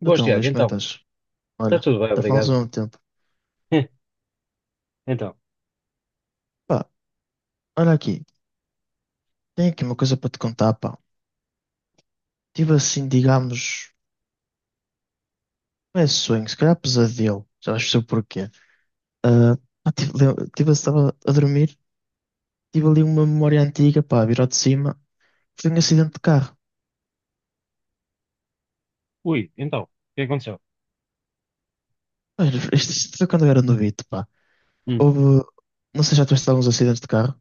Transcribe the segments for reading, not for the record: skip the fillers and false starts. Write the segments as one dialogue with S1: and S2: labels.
S1: Boas,
S2: Então,
S1: Tiago,
S2: Luís, como é
S1: então.
S2: que estás?
S1: Está
S2: Olha,
S1: tudo bem,
S2: já falamos
S1: obrigado.
S2: há um tempo.
S1: Então,
S2: Pá, olha aqui, tenho aqui uma coisa para te contar, pá. Tive assim, digamos, não é sonho, se calhar pesadelo, já vais perceber o porquê. Ah, pá, tive, estava a dormir, tive ali uma memória antiga, pá, virou de cima, foi um acidente de carro.
S1: ui, o que aconteceu?
S2: Olha, isto foi quando eu era novito, pá.
S1: Hum.
S2: Houve, não sei, já tiveste alguns acidentes de carro?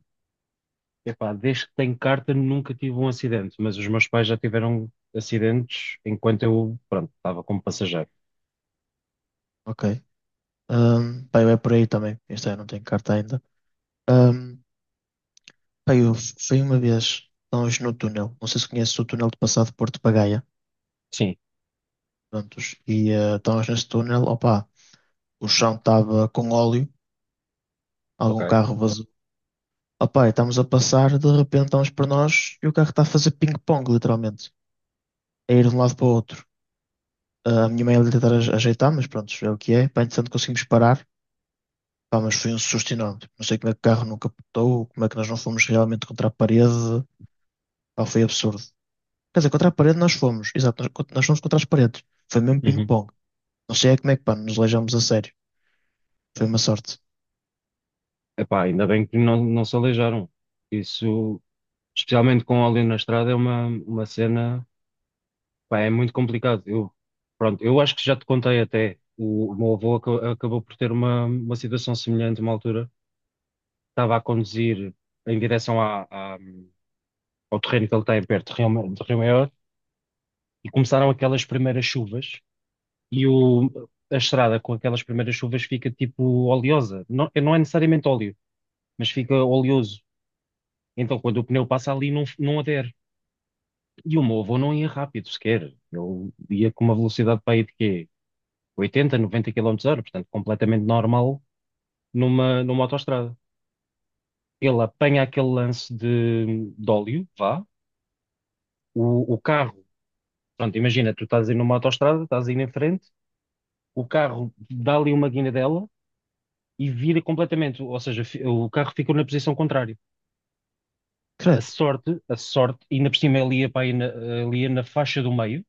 S1: Epá, desde que tenho carta nunca tive um acidente, mas os meus pais já tiveram acidentes enquanto eu, pronto, estava como passageiro.
S2: Ok. Pá, eu é por aí também. Isto é, não tenho carta ainda. Um, Pá, eu fui uma vez, estávamos no túnel. Não sei se conheces o túnel de passado de Porto para Gaia.
S1: Sim,
S2: Prontos. E estávamos nesse túnel. Opa, o chão estava com óleo. Algum
S1: ok.
S2: carro vazou. Opa, e estamos a passar. De repente estamos para nós e o carro está a fazer ping-pong, literalmente. A ir de um lado para o outro. Ah, a minha mãe ia tentar ajeitar, mas pronto, é o que é. Pá, entretanto conseguimos parar. Pá, mas foi um susto enorme. Não sei como é que o carro não capotou, como é que nós não fomos realmente contra a parede. Pá, foi absurdo. Quer dizer, contra a parede nós fomos. Exato, nós fomos contra as paredes. Foi mesmo
S1: Uhum.
S2: ping-pong. Não sei é como é que, pá, nos aleijamos a sério. Foi uma sorte.
S1: Epá, ainda bem que não se aleijaram. Isso, especialmente com óleo na estrada, é uma cena, pá, é muito complicado. Pronto, eu acho que já te contei até, o meu avô acabou por ter uma situação semelhante uma altura. Estava a conduzir em direção ao terreno que ele tem perto de Rio Maior, e começaram aquelas primeiras chuvas, e a estrada com aquelas primeiras chuvas fica tipo oleosa. Não, não é necessariamente óleo, mas fica oleoso. Então quando o pneu passa ali não, não adere. E o meu avô não ia rápido sequer. Eu ia com uma velocidade para aí de quê? 80, 90 km hora, portanto completamente normal numa autoestrada. Ele apanha aquele lance de óleo, vá, o carro pronto, imagina, tu estás aí numa autoestrada, estás aí na frente, o carro dá ali uma guinadela e vira completamente, ou seja, o carro ficou na posição contrária.
S2: Credo.
S1: A sorte, ainda por cima ele ia para aí ali ia na faixa do meio,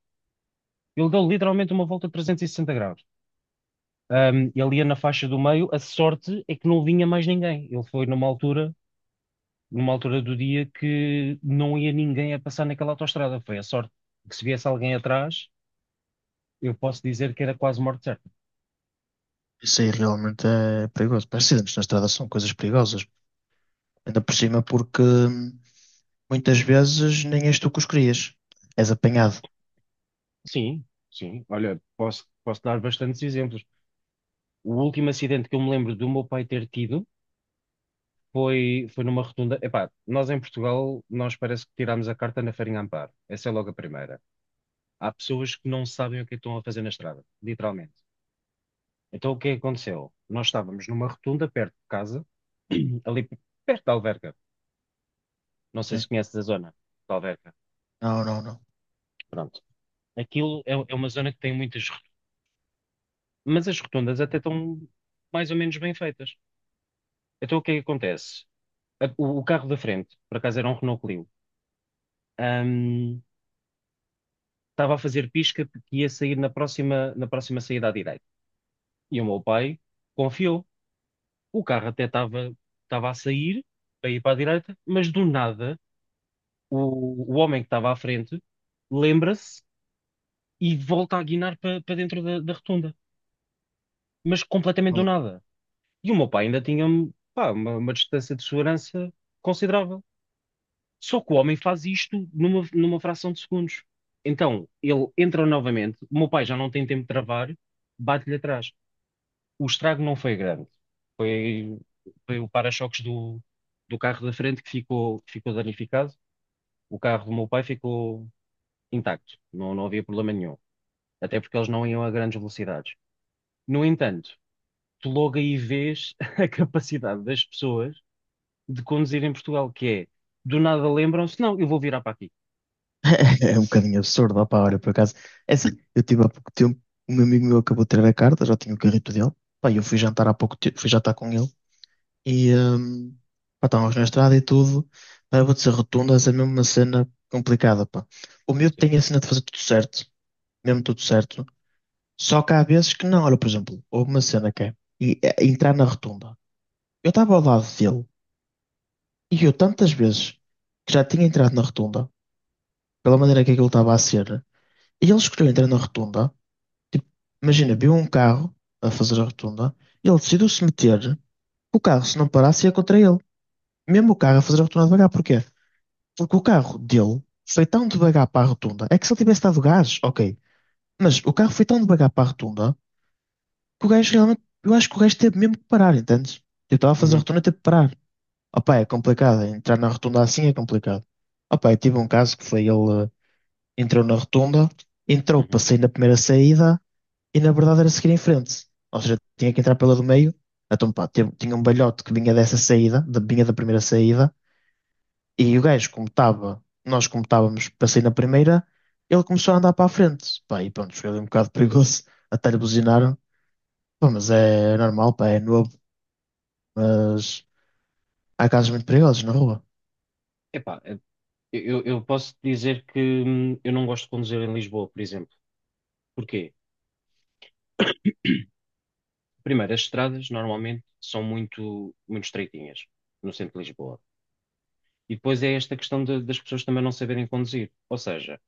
S1: ele deu literalmente uma volta de 360 graus. Ele ia na faixa do meio, a sorte é que não vinha mais ninguém. Ele foi numa altura do dia que não ia ninguém a passar naquela autoestrada. Foi a sorte que se viesse alguém atrás, eu posso dizer que era quase morte certa.
S2: Isso aí realmente é perigoso. Pá, acidentes na estrada são coisas perigosas. Ainda por cima porque muitas vezes nem és tu que os crias. És apanhado.
S1: Sim, sim. Olha, posso dar bastantes exemplos. O último acidente que eu me lembro do meu pai ter tido foi numa rotunda. Epá, nós em Portugal, nós parece que tirámos a carta na farinha Amparo. Essa é logo a primeira. Há pessoas que não sabem o que é que estão a fazer na estrada, literalmente. Então o que é que aconteceu? Nós estávamos numa rotunda perto de casa, ali perto da Alverca. Não sei
S2: Sim.
S1: se conheces a zona da Alverca.
S2: Não, não, não.
S1: Pronto. Aquilo é uma zona que tem muitas rotundas, mas as rotundas até estão mais ou menos bem feitas. Então o que é que acontece? O carro da frente, por acaso era um Renault Clio, ahm, estava a fazer pisca porque ia sair na próxima saída à direita. E o meu pai confiou. O carro até estava a sair, para ir para a direita, mas do nada o homem que estava à frente lembra-se e volta a guinar para dentro da rotunda, mas completamente do
S2: Maluco.
S1: nada. E o meu pai ainda tinha, pá, uma distância de segurança considerável. Só que o homem faz isto numa fração de segundos. Então, ele entra novamente, o meu pai já não tem tempo de travar, bate-lhe atrás. O estrago não foi grande. Foi, foi o para-choques do carro da frente que ficou danificado. O carro do meu pai ficou intacto. Não, não havia problema nenhum. Até porque eles não iam a grandes velocidades. No entanto, tu logo aí vês a capacidade das pessoas de conduzir em Portugal, que é, do nada lembram-se, não, eu vou virar para aqui.
S2: É um bocadinho absurdo. Opá, olha, por acaso. É assim, eu tive há pouco tempo, um amigo meu acabou de tirar a carta, já tinha o carrito dele. Pá, e eu fui jantar há pouco tempo, fui jantar com ele. E pá, estávamos na estrada e tudo. Pá, eu vou dizer rotunda, é mesmo uma cena complicada, pá. O miúdo
S1: Sim.
S2: tem a cena de fazer tudo certo, mesmo tudo certo. Só que há vezes que não. Olha, por exemplo, houve uma cena que é entrar na rotunda. Eu estava ao lado dele e eu tantas vezes que já tinha entrado na rotunda, pela maneira que aquilo estava a ser, e ele escolheu entrar na rotunda. Tipo, imagina, viu um carro a fazer a rotunda, e ele decidiu se meter, o carro, se não parasse, ia contra ele. Mesmo o carro a fazer a rotunda devagar, porquê? Porque o carro dele foi tão devagar para a rotunda. É que se ele tivesse dado gás, ok. Mas o carro foi tão devagar para a rotunda que o gajo realmente. Eu acho que o gajo teve mesmo que parar, entendes? Eu estava a fazer a
S1: Uhum,
S2: rotunda e teve que parar. Opa, é complicado. Entrar na rotunda assim é complicado. Opa, eu tive um caso que foi ele entrou na rotunda, entrou
S1: uhum.
S2: para sair na primeira saída e na verdade era seguir em frente. Ou seja, tinha que entrar pela do meio. Então, pá, tinha um balhote que vinha dessa saída, vinha da primeira saída. E o gajo, como estava, nós como estávamos para sair na primeira, ele começou a andar para a frente. Pá, e pronto, foi ali um bocado perigoso, até lhe buzinaram. Pá, mas é normal, pá, é novo. Mas há casos muito perigosos na rua,
S1: Epá, eu posso dizer que, eu não gosto de conduzir em Lisboa, por exemplo. Porquê? Primeiro, as estradas normalmente são muito, muito estreitinhas no centro de Lisboa. E depois é esta questão das pessoas também não saberem conduzir. Ou seja,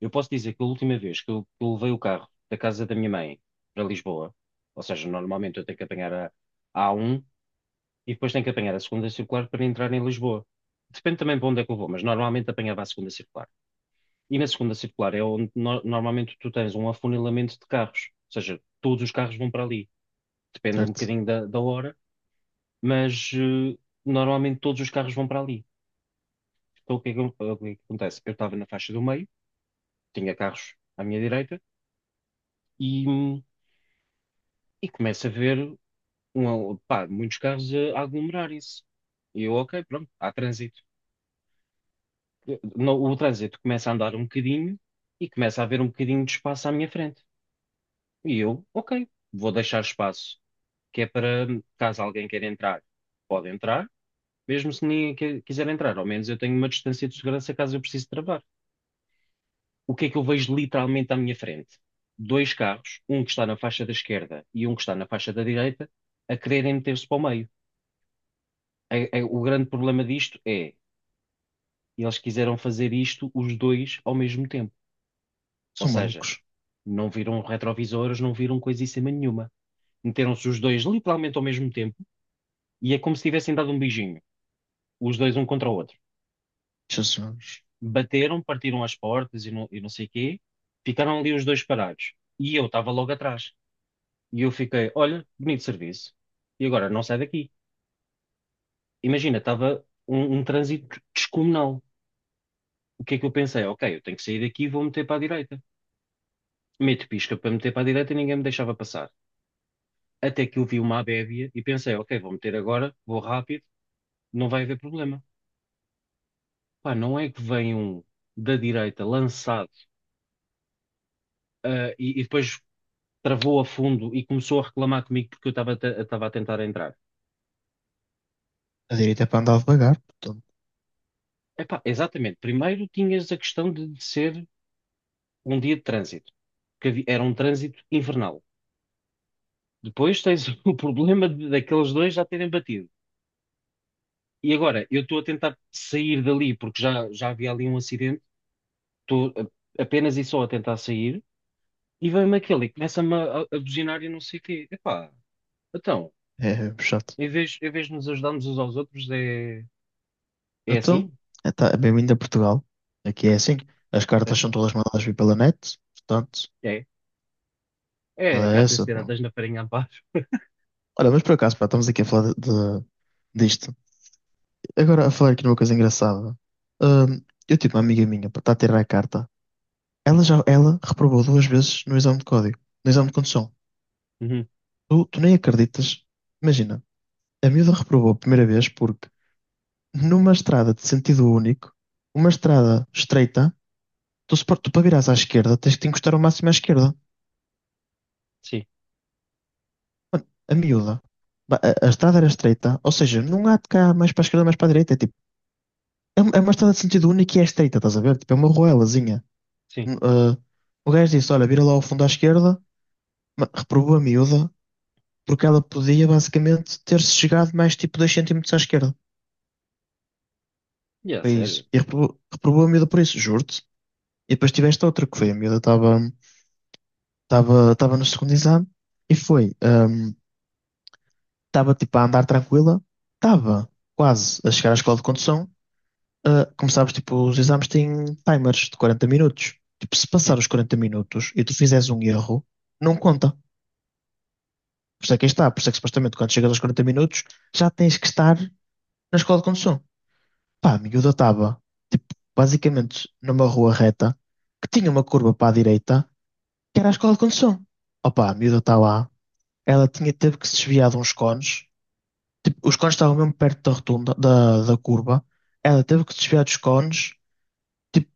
S1: eu posso dizer que a última vez que eu levei o carro da casa da minha mãe para Lisboa, ou seja, normalmente eu tenho que apanhar a A1 e depois tenho que apanhar a segunda circular para entrar em Lisboa. Depende também para onde é que eu vou, mas normalmente apanhava a segunda circular. E na segunda circular é onde normalmente tu tens um afunilamento de carros, ou seja, todos os carros vão para ali. Depende um
S2: certo?
S1: bocadinho da hora, mas normalmente todos os carros vão para ali. Então o que é que acontece? Eu estava na faixa do meio, tinha carros à minha direita e, hum, e começo a ver pá, muitos carros a aglomerarem-se. E eu, ok, pronto, há trânsito. O trânsito começa a andar um bocadinho e começa a haver um bocadinho de espaço à minha frente. E eu, ok, vou deixar espaço que é para caso alguém queira entrar, pode entrar, mesmo se ninguém quiser entrar. Ao menos eu tenho uma distância de segurança caso eu precise travar. O que é que eu vejo literalmente à minha frente? Dois carros, um que está na faixa da esquerda e um que está na faixa da direita, a quererem meter-se para o meio. O grande problema disto é, eles quiseram fazer isto os dois ao mesmo tempo. Ou
S2: São
S1: seja,
S2: malucos.
S1: não viram retrovisores, não viram coisíssima nenhuma. Meteram-se os dois literalmente ao mesmo tempo e é como se tivessem dado um beijinho, os dois um contra o outro.
S2: Jesus,
S1: Bateram, partiram as portas, e não sei o quê. Ficaram ali os dois parados. E eu estava logo atrás. E eu fiquei, olha, bonito serviço. E agora não sai daqui. Imagina, estava um trânsito descomunal. O que é que eu pensei? Ok, eu tenho que sair daqui e vou meter para a direita. Meto pisca para meter para a direita e ninguém me deixava passar. Até que eu vi uma abébia e pensei, ok, vou meter agora, vou rápido, não vai haver problema. Pá, não é que vem um da direita lançado, ah, e depois travou a fundo e começou a reclamar comigo porque eu estava estava a tentar entrar.
S2: a direita é para andar devagar, portanto,
S1: Epá, exatamente. Primeiro tinhas a questão de ser um dia de trânsito, era um trânsito infernal. Depois tens o problema daqueles dois já terem batido. E agora, eu estou a tentar sair dali porque já havia ali um acidente, estou apenas e só a tentar sair, e vem-me aquele e começa-me a buzinar e não sei o quê. Epá, então,
S2: é chato.
S1: em vez de nos ajudarmos uns aos outros, é assim?
S2: Então, tá, é bem-vindo a Portugal. Aqui é assim. As cartas são
S1: Epá,
S2: todas mandadas vir pela net, portanto,
S1: é. É
S2: é
S1: cartas
S2: essa, pá.
S1: tiradas na farinha a paz.
S2: Olha, mas por acaso, pá, estamos aqui a falar de- disto. Agora, a falar aqui numa coisa engraçada. Ahm, eu tive uma amiga minha para estar a tirar a carta. Ela já ela reprovou duas vezes no exame de código, no exame de condução.
S1: Uhum.
S2: Tu nem acreditas. Imagina, a miúda reprovou a primeira vez porque numa estrada de sentido único, uma estrada estreita, tu, se, par- tu para virares à esquerda tens que te encostar ao máximo à esquerda.
S1: Sim,
S2: A miúda. A estrada era estreita, ou seja, não há de cá mais para a esquerda, mais para a direita. É tipo, uma estrada de sentido único e é estreita, estás a ver? Tipo, é uma ruelazinha.
S1: sim.
S2: Ah, o gajo disse: Olha, vira lá ao fundo à esquerda, reprovou a miúda, porque ela podia basicamente ter-se chegado mais tipo 2 centímetros à esquerda.
S1: E é
S2: Foi isso.
S1: sério.
S2: E reprovou a miúda por isso, juro-te. E depois tiveste outra que foi: a miúda estava no segundo exame e foi, estava tipo a andar tranquila, estava quase a chegar à escola de condução. Ah, como sabes, tipo, os exames têm timers de 40 minutos. Tipo, se passar
S1: Sim.
S2: os 40 minutos e tu fizeres um erro, não conta. Por isso é que aí está, por isso é que supostamente quando chegas aos 40 minutos já tens que estar na escola de condução. Pá, a miúda estava, tipo, basicamente numa rua reta que tinha uma curva para a direita que era a escola de condução. Opa, a miúda está lá, ela teve que se desviar de uns cones, tipo, os cones estavam mesmo perto da rotunda, da curva, ela teve que se desviar dos cones, tipo,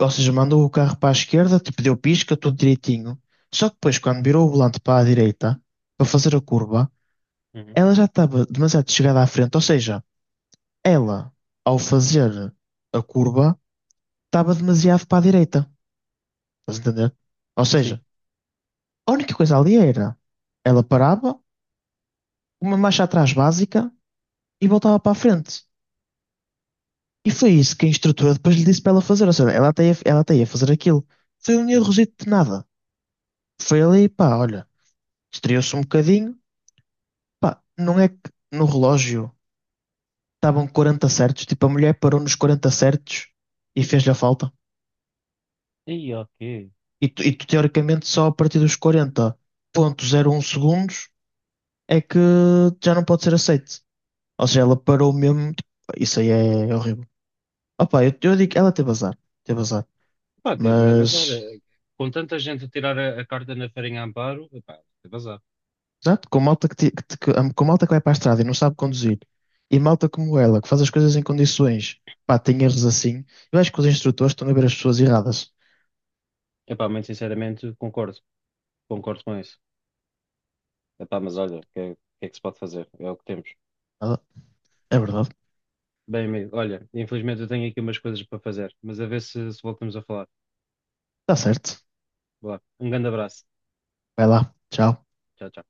S2: ou seja, mandou o carro para a esquerda, tipo, deu pisca, tudo direitinho. Só que depois, quando virou o volante para a direita, para fazer a curva,
S1: Uhum.
S2: ela já estava demasiado chegada à frente, ou seja, ela, ao fazer a curva, estava demasiado para a direita. Estás a entender? Ou seja,
S1: Sim.
S2: a única coisa ali era ela parava, uma marcha atrás básica e voltava para a frente. E foi isso que a instrutora depois lhe disse para ela fazer. Ou seja, ela até ia fazer aquilo. Foi um
S1: Uhum.
S2: errozito de nada. Foi ali, pá, olha, estreou-se um bocadinho. Pá, não é que no relógio estavam 40 certos, tipo, a mulher parou nos 40 certos e fez-lhe a falta.
S1: E ok.
S2: E tu, teoricamente só a partir dos 40,01 segundos é que já não pode ser aceito. Ou seja, ela parou mesmo. Tipo, isso aí é horrível. Opa, eu digo, que ela teve azar. Teve azar.
S1: Pá, teve mesmo azar.
S2: Mas,
S1: Com tanta gente a tirar a carta na farinha a Amparo, pá, teve azar.
S2: exato, com malta que, ti- que, te- que- com malta que vai para a estrada e não sabe conduzir, e malta como ela, que faz as coisas em condições, pá, tem erros assim. Eu acho que os instrutores estão a ver as pessoas erradas.
S1: Epá, muito sinceramente, concordo. Concordo com isso. Epá, mas olha, é o que é que se pode fazer? É o que temos.
S2: Ah, é verdade.
S1: Bem, amigo, olha, infelizmente eu tenho aqui umas coisas para fazer, mas a ver se voltamos a falar.
S2: Está certo.
S1: Vá, um grande abraço.
S2: Vai lá. Tchau.
S1: Tchau, tchau.